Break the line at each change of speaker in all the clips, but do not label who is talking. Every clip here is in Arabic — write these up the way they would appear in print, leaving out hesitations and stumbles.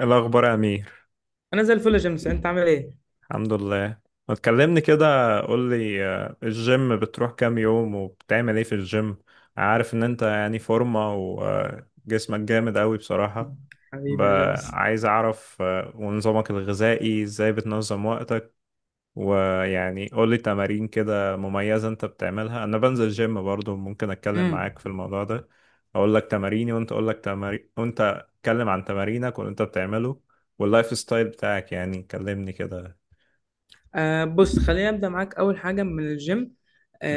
الأخبار يا أمير؟
انا زي الفل يا جيمس، انت عامل ايه؟
الحمد لله. ما تكلمني كده، قول لي الجيم بتروح كام يوم وبتعمل ايه في الجيم؟ عارف ان انت يعني فورمة وجسمك جامد قوي بصراحة. ب-
حبيبي يا جيمس.
عايز اعرف، ونظامك الغذائي ازاي بتنظم. ويعني قولي تمارين كده مميزة انت بتعملها، انا بنزل جيم برضو ممكن اتكلم
امم
معاك في الموضوع ده. اقول لك تماريني وانت اقول لك تمارين وانت اتكلم عن تمارينك واللي انت بتعمله واللايف ستايل بتاعك، يعني كلمني كده.
بص، خليني ابدا معاك اول حاجه من الجيم.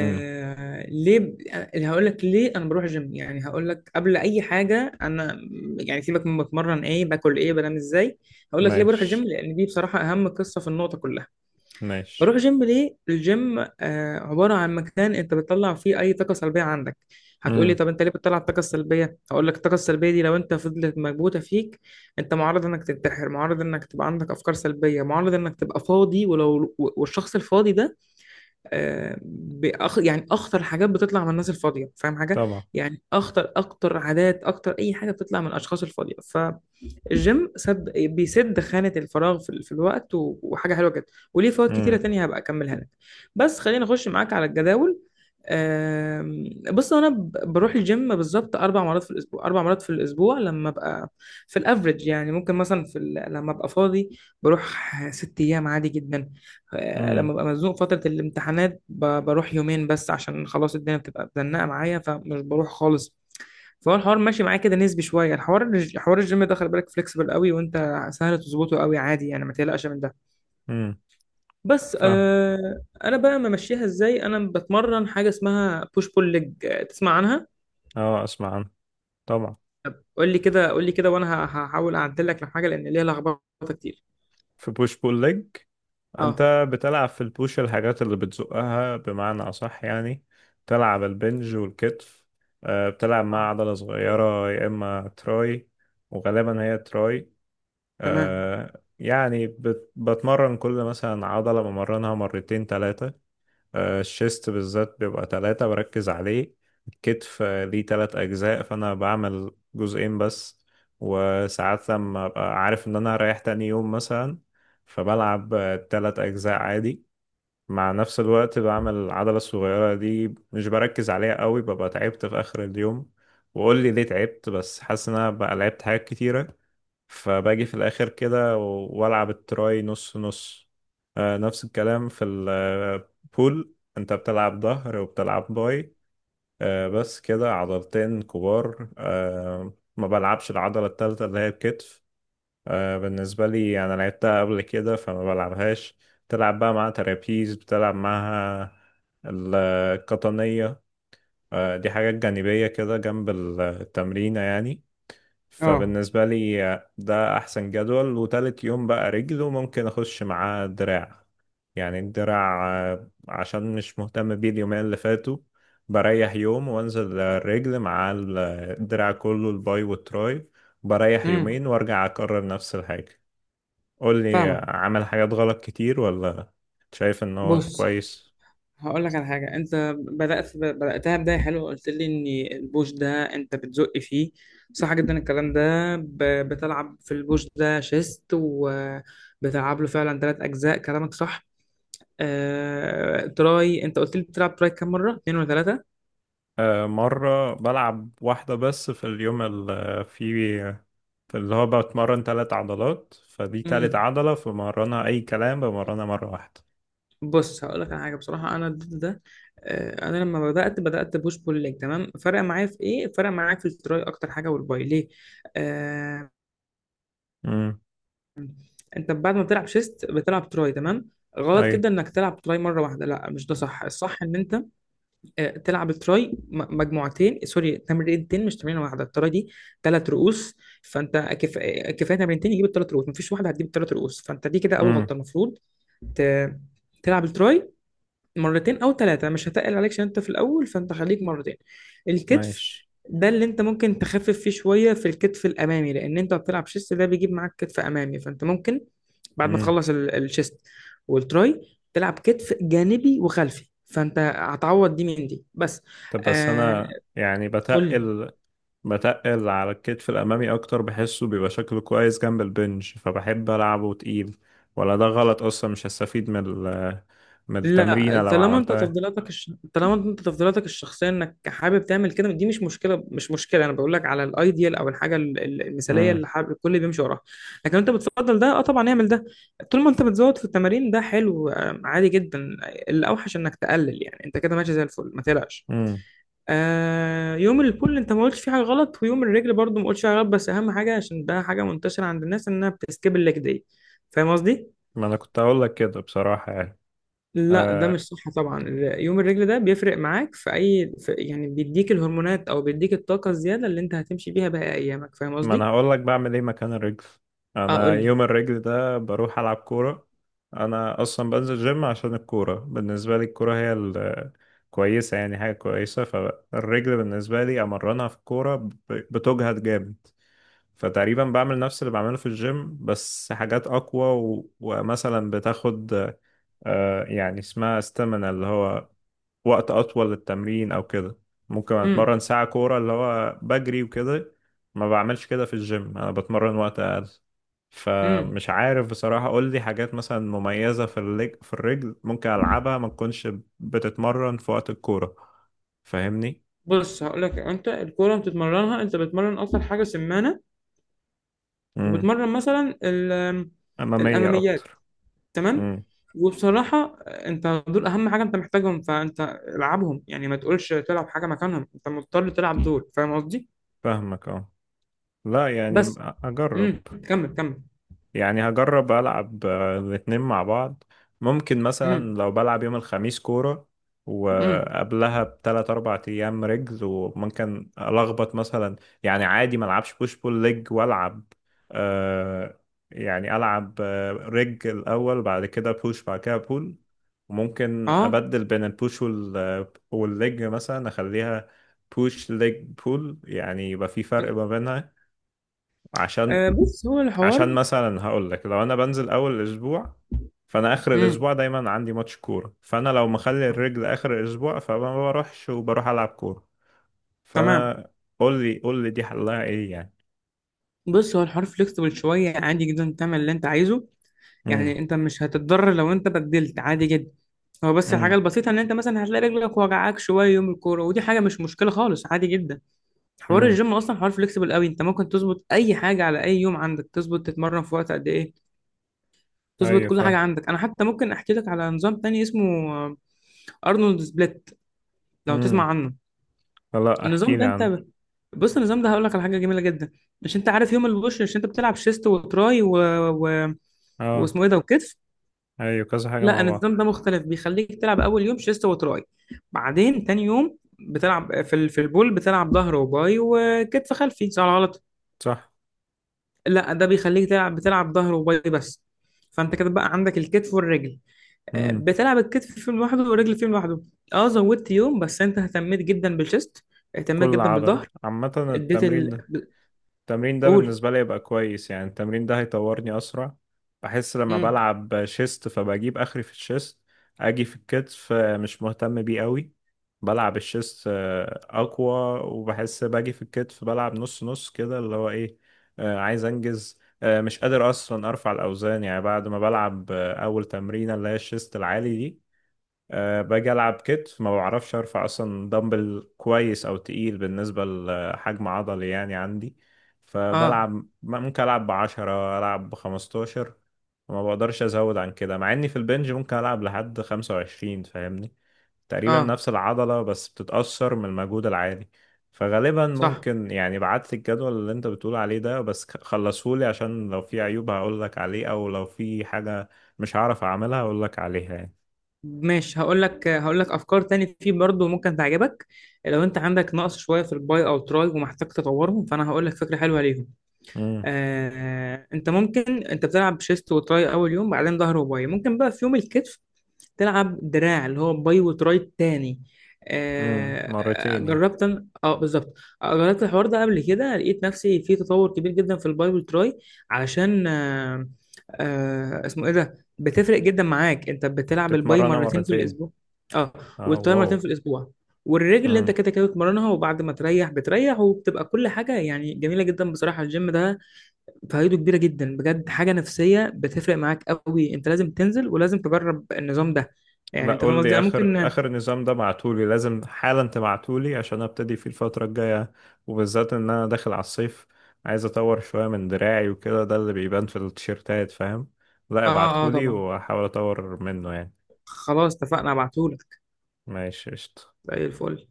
امم.
ليه ب... أنا هقول لك ليه انا بروح الجيم. يعني هقول لك قبل اي حاجه انا يعني سيبك من بتمرن ايه باكل ايه بنام ازاي، هقول لك ليه بروح الجيم،
ماشي.
لان دي بصراحه اهم قصه في النقطه كلها.
ماشي.
بروح جيم ليه؟ الجيم عبارة عن مكان أنت بتطلع فيه أي طاقة سلبية عندك. هتقولي
امم.
طب أنت ليه بتطلع الطاقة السلبية؟ هقول لك الطاقة السلبية دي لو أنت فضلت مكبوتة فيك أنت معرض إنك تنتحر، معرض إنك تبقى عندك أفكار سلبية، معرض إنك تبقى فاضي، ولو والشخص الفاضي ده يعني أخطر حاجات بتطلع من الناس الفاضية، فاهم حاجة؟
طبعا.
يعني أخطر أكتر عادات، أكتر أي حاجة بتطلع من الأشخاص الفاضية. الجيم سد، بيسد خانة الفراغ في الوقت، وحاجة حلوة جدا وليه فوائد كتيرة
امم.
تانية هبقى أكملها لك. بس خلينا أخش معاك على الجداول. بص، أنا بروح الجيم بالظبط أربع مرات في الأسبوع، أربع مرات في الأسبوع لما أبقى في الأفريج. يعني ممكن مثلا لما أبقى فاضي بروح ست أيام عادي جدا. لما
امم.
ببقى مزنوق فترة الامتحانات بروح يومين بس، عشان خلاص الدنيا بتبقى مزنقة معايا فمش بروح خالص. فهو الحوار ماشي معاه كده نسبي شويه. الحوار حوار الجيم ده خلي بالك فليكسبل قوي، وانت سهل تظبطه قوي عادي، يعني ما تقلقش من ده.
امم.
بس
فاهم.
انا بقى ممشيها ازاي، انا بتمرن حاجه اسمها بوش بول ليج، تسمع عنها؟
اه اسمع عنه. طبعا.
قول لي كده، قول لي كده، وانا هحاول اعدل لك الحاجه، لان ليها لخبطه كتير.
في بوش بول ليج
اه،
انت بتلعب في البوش الحاجات اللي بتزقها بمعنى اصح، يعني تلعب البنج والكتف. بتلعب مع
اه،
عضلة صغيرة يا اما تراي. وغالبا هي تراي.
تمام.
يعني بتمرن كل مثلا عضلة بمرنها مرتين تلاتة. الشيست بالذات بيبقى تلاتة بركز عليه. الكتف ليه تلات أجزاء فأنا بعمل جزئين بس. وساعات لما أبقى عارف إن أنا هريح تاني يوم مثلا فبلعب تلات أجزاء عادي. مع نفس الوقت بعمل العضلة الصغيرة دي، مش بركز عليها قوي، ببقى تعبت في آخر اليوم. وقول لي ليه تعبت؟ بس حاسس إن أنا بقى لعبت حاجات كتيرة فباجي في الاخر كده والعب التراي نص نص. نفس الكلام في البول انت بتلعب ظهر وبتلعب باي. بس كده عضلتين كبار. ما بلعبش العضلة التالتة اللي هي الكتف. بالنسبة لي أنا لعبتها قبل كده فما بلعبهاش. بتلعب بقى مع ترابيز بتلعب معها القطنية. دي حاجات جانبية كده جنب التمرينة يعني.
اه.
فبالنسبة لي ده أحسن جدول. وتالت يوم بقى رجل، وممكن أخش معاه دراع، يعني الدراع عشان مش مهتم بيه اليومين اللي فاتوا. بريح يوم وأنزل الرجل مع الدراع كله، الباي والتراي. بريح
امم
يومين وأرجع أكرر نفس الحاجة. قول لي
فاهمك.
عمل حاجات غلط كتير، ولا شايف إن هو
بص
كويس؟
هقول لك على حاجة، أنت بدأت بدأتها بداية حلوة، قلت لي إن البوش ده أنت بتزق فيه، صح جدا الكلام ده. بتلعب في البوش ده شيست، وبتلعب له فعلا ثلاث أجزاء، كلامك صح. تراي أنت قلت لي بتلعب تراي كام مرة؟ اتنين ولا ثلاثة؟
مرة بلعب واحدة بس في اليوم اللي فيه. فاللي هو بتمرن تلات عضلات فدي تالت
امم
عضلة فبمرنها أي كلام بمرنها مرة واحدة.
بص هقول لك على حاجة، بصراحة أنا ضد ده. أنا لما بدأت، بدأت بوش بول ليج تمام، فرق معايا في إيه؟ فرق معايا في التراي أكتر حاجة والباي، ليه؟ آه،
امم.
انت بعد ما بتلعب شيست بتلعب تراي تمام، غلط
أي.
جدا انك تلعب تراي مره واحده، لا مش ده صح. الصح ان انت تلعب التراي مجموعتين، سوري تمرينتين، مش تمرينه واحده، التراي دي ثلاث رؤوس. فانت كف... آه، كفايه تمرينتين يجيب الثلاث رؤوس، مفيش واحده هتجيب الثلاث رؤوس. فانت دي كده اول
امم.
غلطه. المفروض ت... تلعب التراي مرتين او ثلاثه، مش هتقل عليك عشان انت في الاول، فانت خليك مرتين. الكتف
ماشي.
ده اللي انت ممكن تخفف فيه شويه، في الكتف الامامي، لان انت بتلعب شيست ده بيجيب معاك كتف امامي. فانت ممكن بعد ما
امم.
تخلص الشيست والتراي تلعب كتف جانبي وخلفي، فانت هتعوض دي من دي بس.
طب بس
آه،
أنا يعني
قول لي.
بتقل. بتقل على الكتف الأمامي أكتر، بحسه بيبقى شكله كويس جنب البنج فبحب ألعبه تقيل. ولا ده غلط أصلا مش هستفيد من ال من
لا،
التمرينة لو
طالما انت
عملتها؟
طالما انت تفضيلاتك الشخصيه انك حابب تعمل كده، دي مش مشكله، مش مشكله. انا بقول لك على الايديال او الحاجه المثاليه اللي
امم.
حابب الكل بيمشي وراها. لكن انت بتفضل ده، اه طبعا اعمل ده. طول ما انت بتزود في التمارين ده حلو، عادي جدا، الاوحش انك تقلل، يعني انت كده ماشي زي الفل، ما تقلقش.
امم.
يوم البول انت ما قلتش فيه حاجه غلط، ويوم الرجل برضو ما قلتش فيه حاجه غلط، بس اهم حاجه، عشان ده حاجه منتشره عند الناس، انها بتسكيب الليج دي، فاهم قصدي؟
ما أنا كنت هقول لك كده بصراحة يعني.
لا ده مش
آه،
صح طبعا. يوم الرجل ده بيفرق معاك في اي، في يعني بيديك الهرمونات او بيديك الطاقه الزياده اللي انت هتمشي بيها باقي ايامك، فاهم
ما انا
قصدي؟
هقول لك بعمل ايه مكان الرجل.
اه
انا
قول لي.
يوم الرجل ده بروح العب كوره. انا اصلا بنزل جيم عشان الكوره، بالنسبه لي الكوره هي كويسه، يعني حاجه كويسه. فالرجل بالنسبه لي امرنها في الكوره، بتجهد جامد. فتقريبا بعمل نفس اللي بعمله في الجيم بس حاجات اقوى ومثلا بتاخد يعني اسمها استامينا، اللي هو وقت أطول للتمرين أو كده. ممكن
امم
أتمرن ساعة كورة اللي هو بجري وكده. ما بعملش كده في الجيم، أنا بتمرن وقت أقل.
امم
فمش عارف بصراحة. قول لي حاجات مثلا مميزة في في الرجل ممكن ألعبها ما تكونش بتتمرن في وقت الكورة، فاهمني؟
بص هقول لك، انت الكوره بتتمرنها انت بتتمرن اكتر حاجه سمانه،
امم.
بتمرن مثلا
أمامية
الاماميات
أكتر.
تمام.
امم.
وبصراحه انت دول اهم حاجه انت محتاجهم، فانت العبهم. يعني ما تقولش تلعب حاجه مكانهم، انت مضطر تلعب دول، فاهم قصدي؟
فاهمك اه. لا يعني
بس.
أجرب.
كمل، كمل.
يعني هجرب ألعب الاتنين مع بعض. ممكن مثلا
امم
لو بلعب يوم الخميس كورة،
امم
وقبلها بتلات 4 أيام رجل، وممكن ألخبط مثلا. يعني عادي، ما ألعبش بوش بول ليج وألعب آه يعني ألعب، الأول، بعد كده بوش بعد كده بول. وممكن
اه.
أبدل بين البوش والليج مثلا، أخليها بوش ليج بول يعني يبقى في فرق ما بينها. عشان
بص هو
عشان
الحوار.
مثلا هقول لك، لو انا بنزل اول الاسبوع، فانا اخر
مم.
الاسبوع دايما عندي ماتش كوره، فانا لو مخلي الرجل اخر الاسبوع فما بروحش وبروح العب كوره،
تمام.
فانا. قول لي قول لي، دي حلها ايه يعني؟
بص هو الحوار فليكسبل شوية، عادي جدا تعمل اللي انت عايزه.
امم.
يعني انت مش هتتضرر لو انت بدلت، عادي جدا. هو بس الحاجة
امم.
البسيطة ان انت مثلا هتلاقي رجلك وجعاك شوية يوم الكورة، ودي حاجة مش مشكلة خالص، عادي جدا. حوار
امم.
الجيم اصلا حوار فليكسبل قوي، انت ممكن تظبط اي حاجة على اي يوم عندك، تظبط تتمرن في وقت قد ايه، تظبط
ايوه
كل حاجة
فاهم.
عندك. انا حتى ممكن احكي لك على نظام تاني اسمه ارنولد سبليت، لو تسمع
امم.
عنه.
لا احكي
النظام
لي
ده
عن.
انت، بص النظام ده هقول لك على حاجه جميله جدا. مش انت عارف يوم البوش، مش انت بتلعب شيست وتراي و...
اه
واسمه ايه ده، وكتف؟
ايوه كذا حاجه
لا
مع بعض.
النظام ده مختلف، بيخليك تلعب اول يوم شيست وتراي، بعدين تاني يوم بتلعب في البول، بتلعب ظهر وباي وكتف خلفي، صح ولا غلط؟
صح.
لا ده بيخليك تلعب، بتلعب ظهر وباي بس، فانت كده بقى عندك الكتف والرجل.
امم.
بتلعب الكتف فيهم لوحده والرجل فيهم لوحده. اه زودت يوم، بس انت اهتميت جدا بالشيست، اهتميت
بكل
جدا
عضله
بالظهر،
عامه
اديت
التمرين. التمرين ده
قول.
بالنسبة لي يبقى كويس، يعني التمرين ده هيطورني أسرع. بحس لما
امم،
بلعب شيست فبجيب آخري في الشيست. أجي في الكتف، مش مهتم بيه قوي. بلعب الشيست أقوى، وبحس باجي في الكتف بلعب نص نص كده اللي هو إيه. عايز أنجز. مش قادر أصلا أرفع الأوزان، يعني بعد ما بلعب أول تمرينة اللي هي الشيست العالي دي. أه باجي ألعب كتف ما بعرفش أرفع أصلا دمبل كويس أو تقيل بالنسبة لحجم عضلي يعني عندي.
اه،
فبلعب، ممكن ألعب بـ10، ألعب بـ15. وما بقدرش أزود عن كده، مع إني في البنج ممكن ألعب لحد 25، فاهمني. تقريبا
اه،
نفس العضلة بس بتتأثر من المجهود العالي. فغالبا
صح.
ممكن يعني بعت لي الجدول اللي انت بتقول عليه ده بس خلصهولي، عشان لو في عيوب هقول لك عليه، او لو في حاجة مش هعرف اعملها هقول لك عليها
ماشي هقول لك، هقول لك افكار تاني فيه برضو ممكن تعجبك. لو انت عندك نقص شويه في الباي او تراي ومحتاج تطورهم، فانا هقول لك فكره حلوه ليهم.
يعني.
آه انت ممكن، انت بتلعب شيست وتراي اول يوم، بعدين ظهر وباي، ممكن بقى في يوم الكتف تلعب دراع اللي هو باي وتراي تاني.
امم.
آه،
مرتين يعني.
اه بالظبط. جربت الحوار ده قبل كده، لقيت نفسي في تطور كبير جدا في الباي وتراي. علشان اسمه ايه ده، بتفرق جدا معاك، انت بتلعب الباي
تتمرنها
مرتين في
مرتين.
الاسبوع. اه.
اه
والتراي مرتين في
واو.
الاسبوع، والرجل اللي انت
امم.
كده كده بتمرنها، وبعد ما تريح بتريح، وبتبقى كل حاجه يعني جميله جدا. بصراحه الجيم ده فايده كبيره جدا بجد، حاجه نفسيه بتفرق معاك قوي، انت لازم تنزل، ولازم تجرب النظام ده،
لا
يعني انت فاهم
قول
قصدي
لي
انا
اخر
ممكن.
اخر نظام ده بعتولي، لازم حالا تبعتولي عشان ابتدي فيه الفترة الجاية. وبالذات ان انا داخل على الصيف، عايز اطور شوية من دراعي وكده، ده اللي بيبان في التيشيرتات فاهم. لا
اه، اه
ابعتولي
طبعا،
واحاول اطور منه يعني.
خلاص اتفقنا ابعتهولك.
ماشي قشطة.
زي الفل.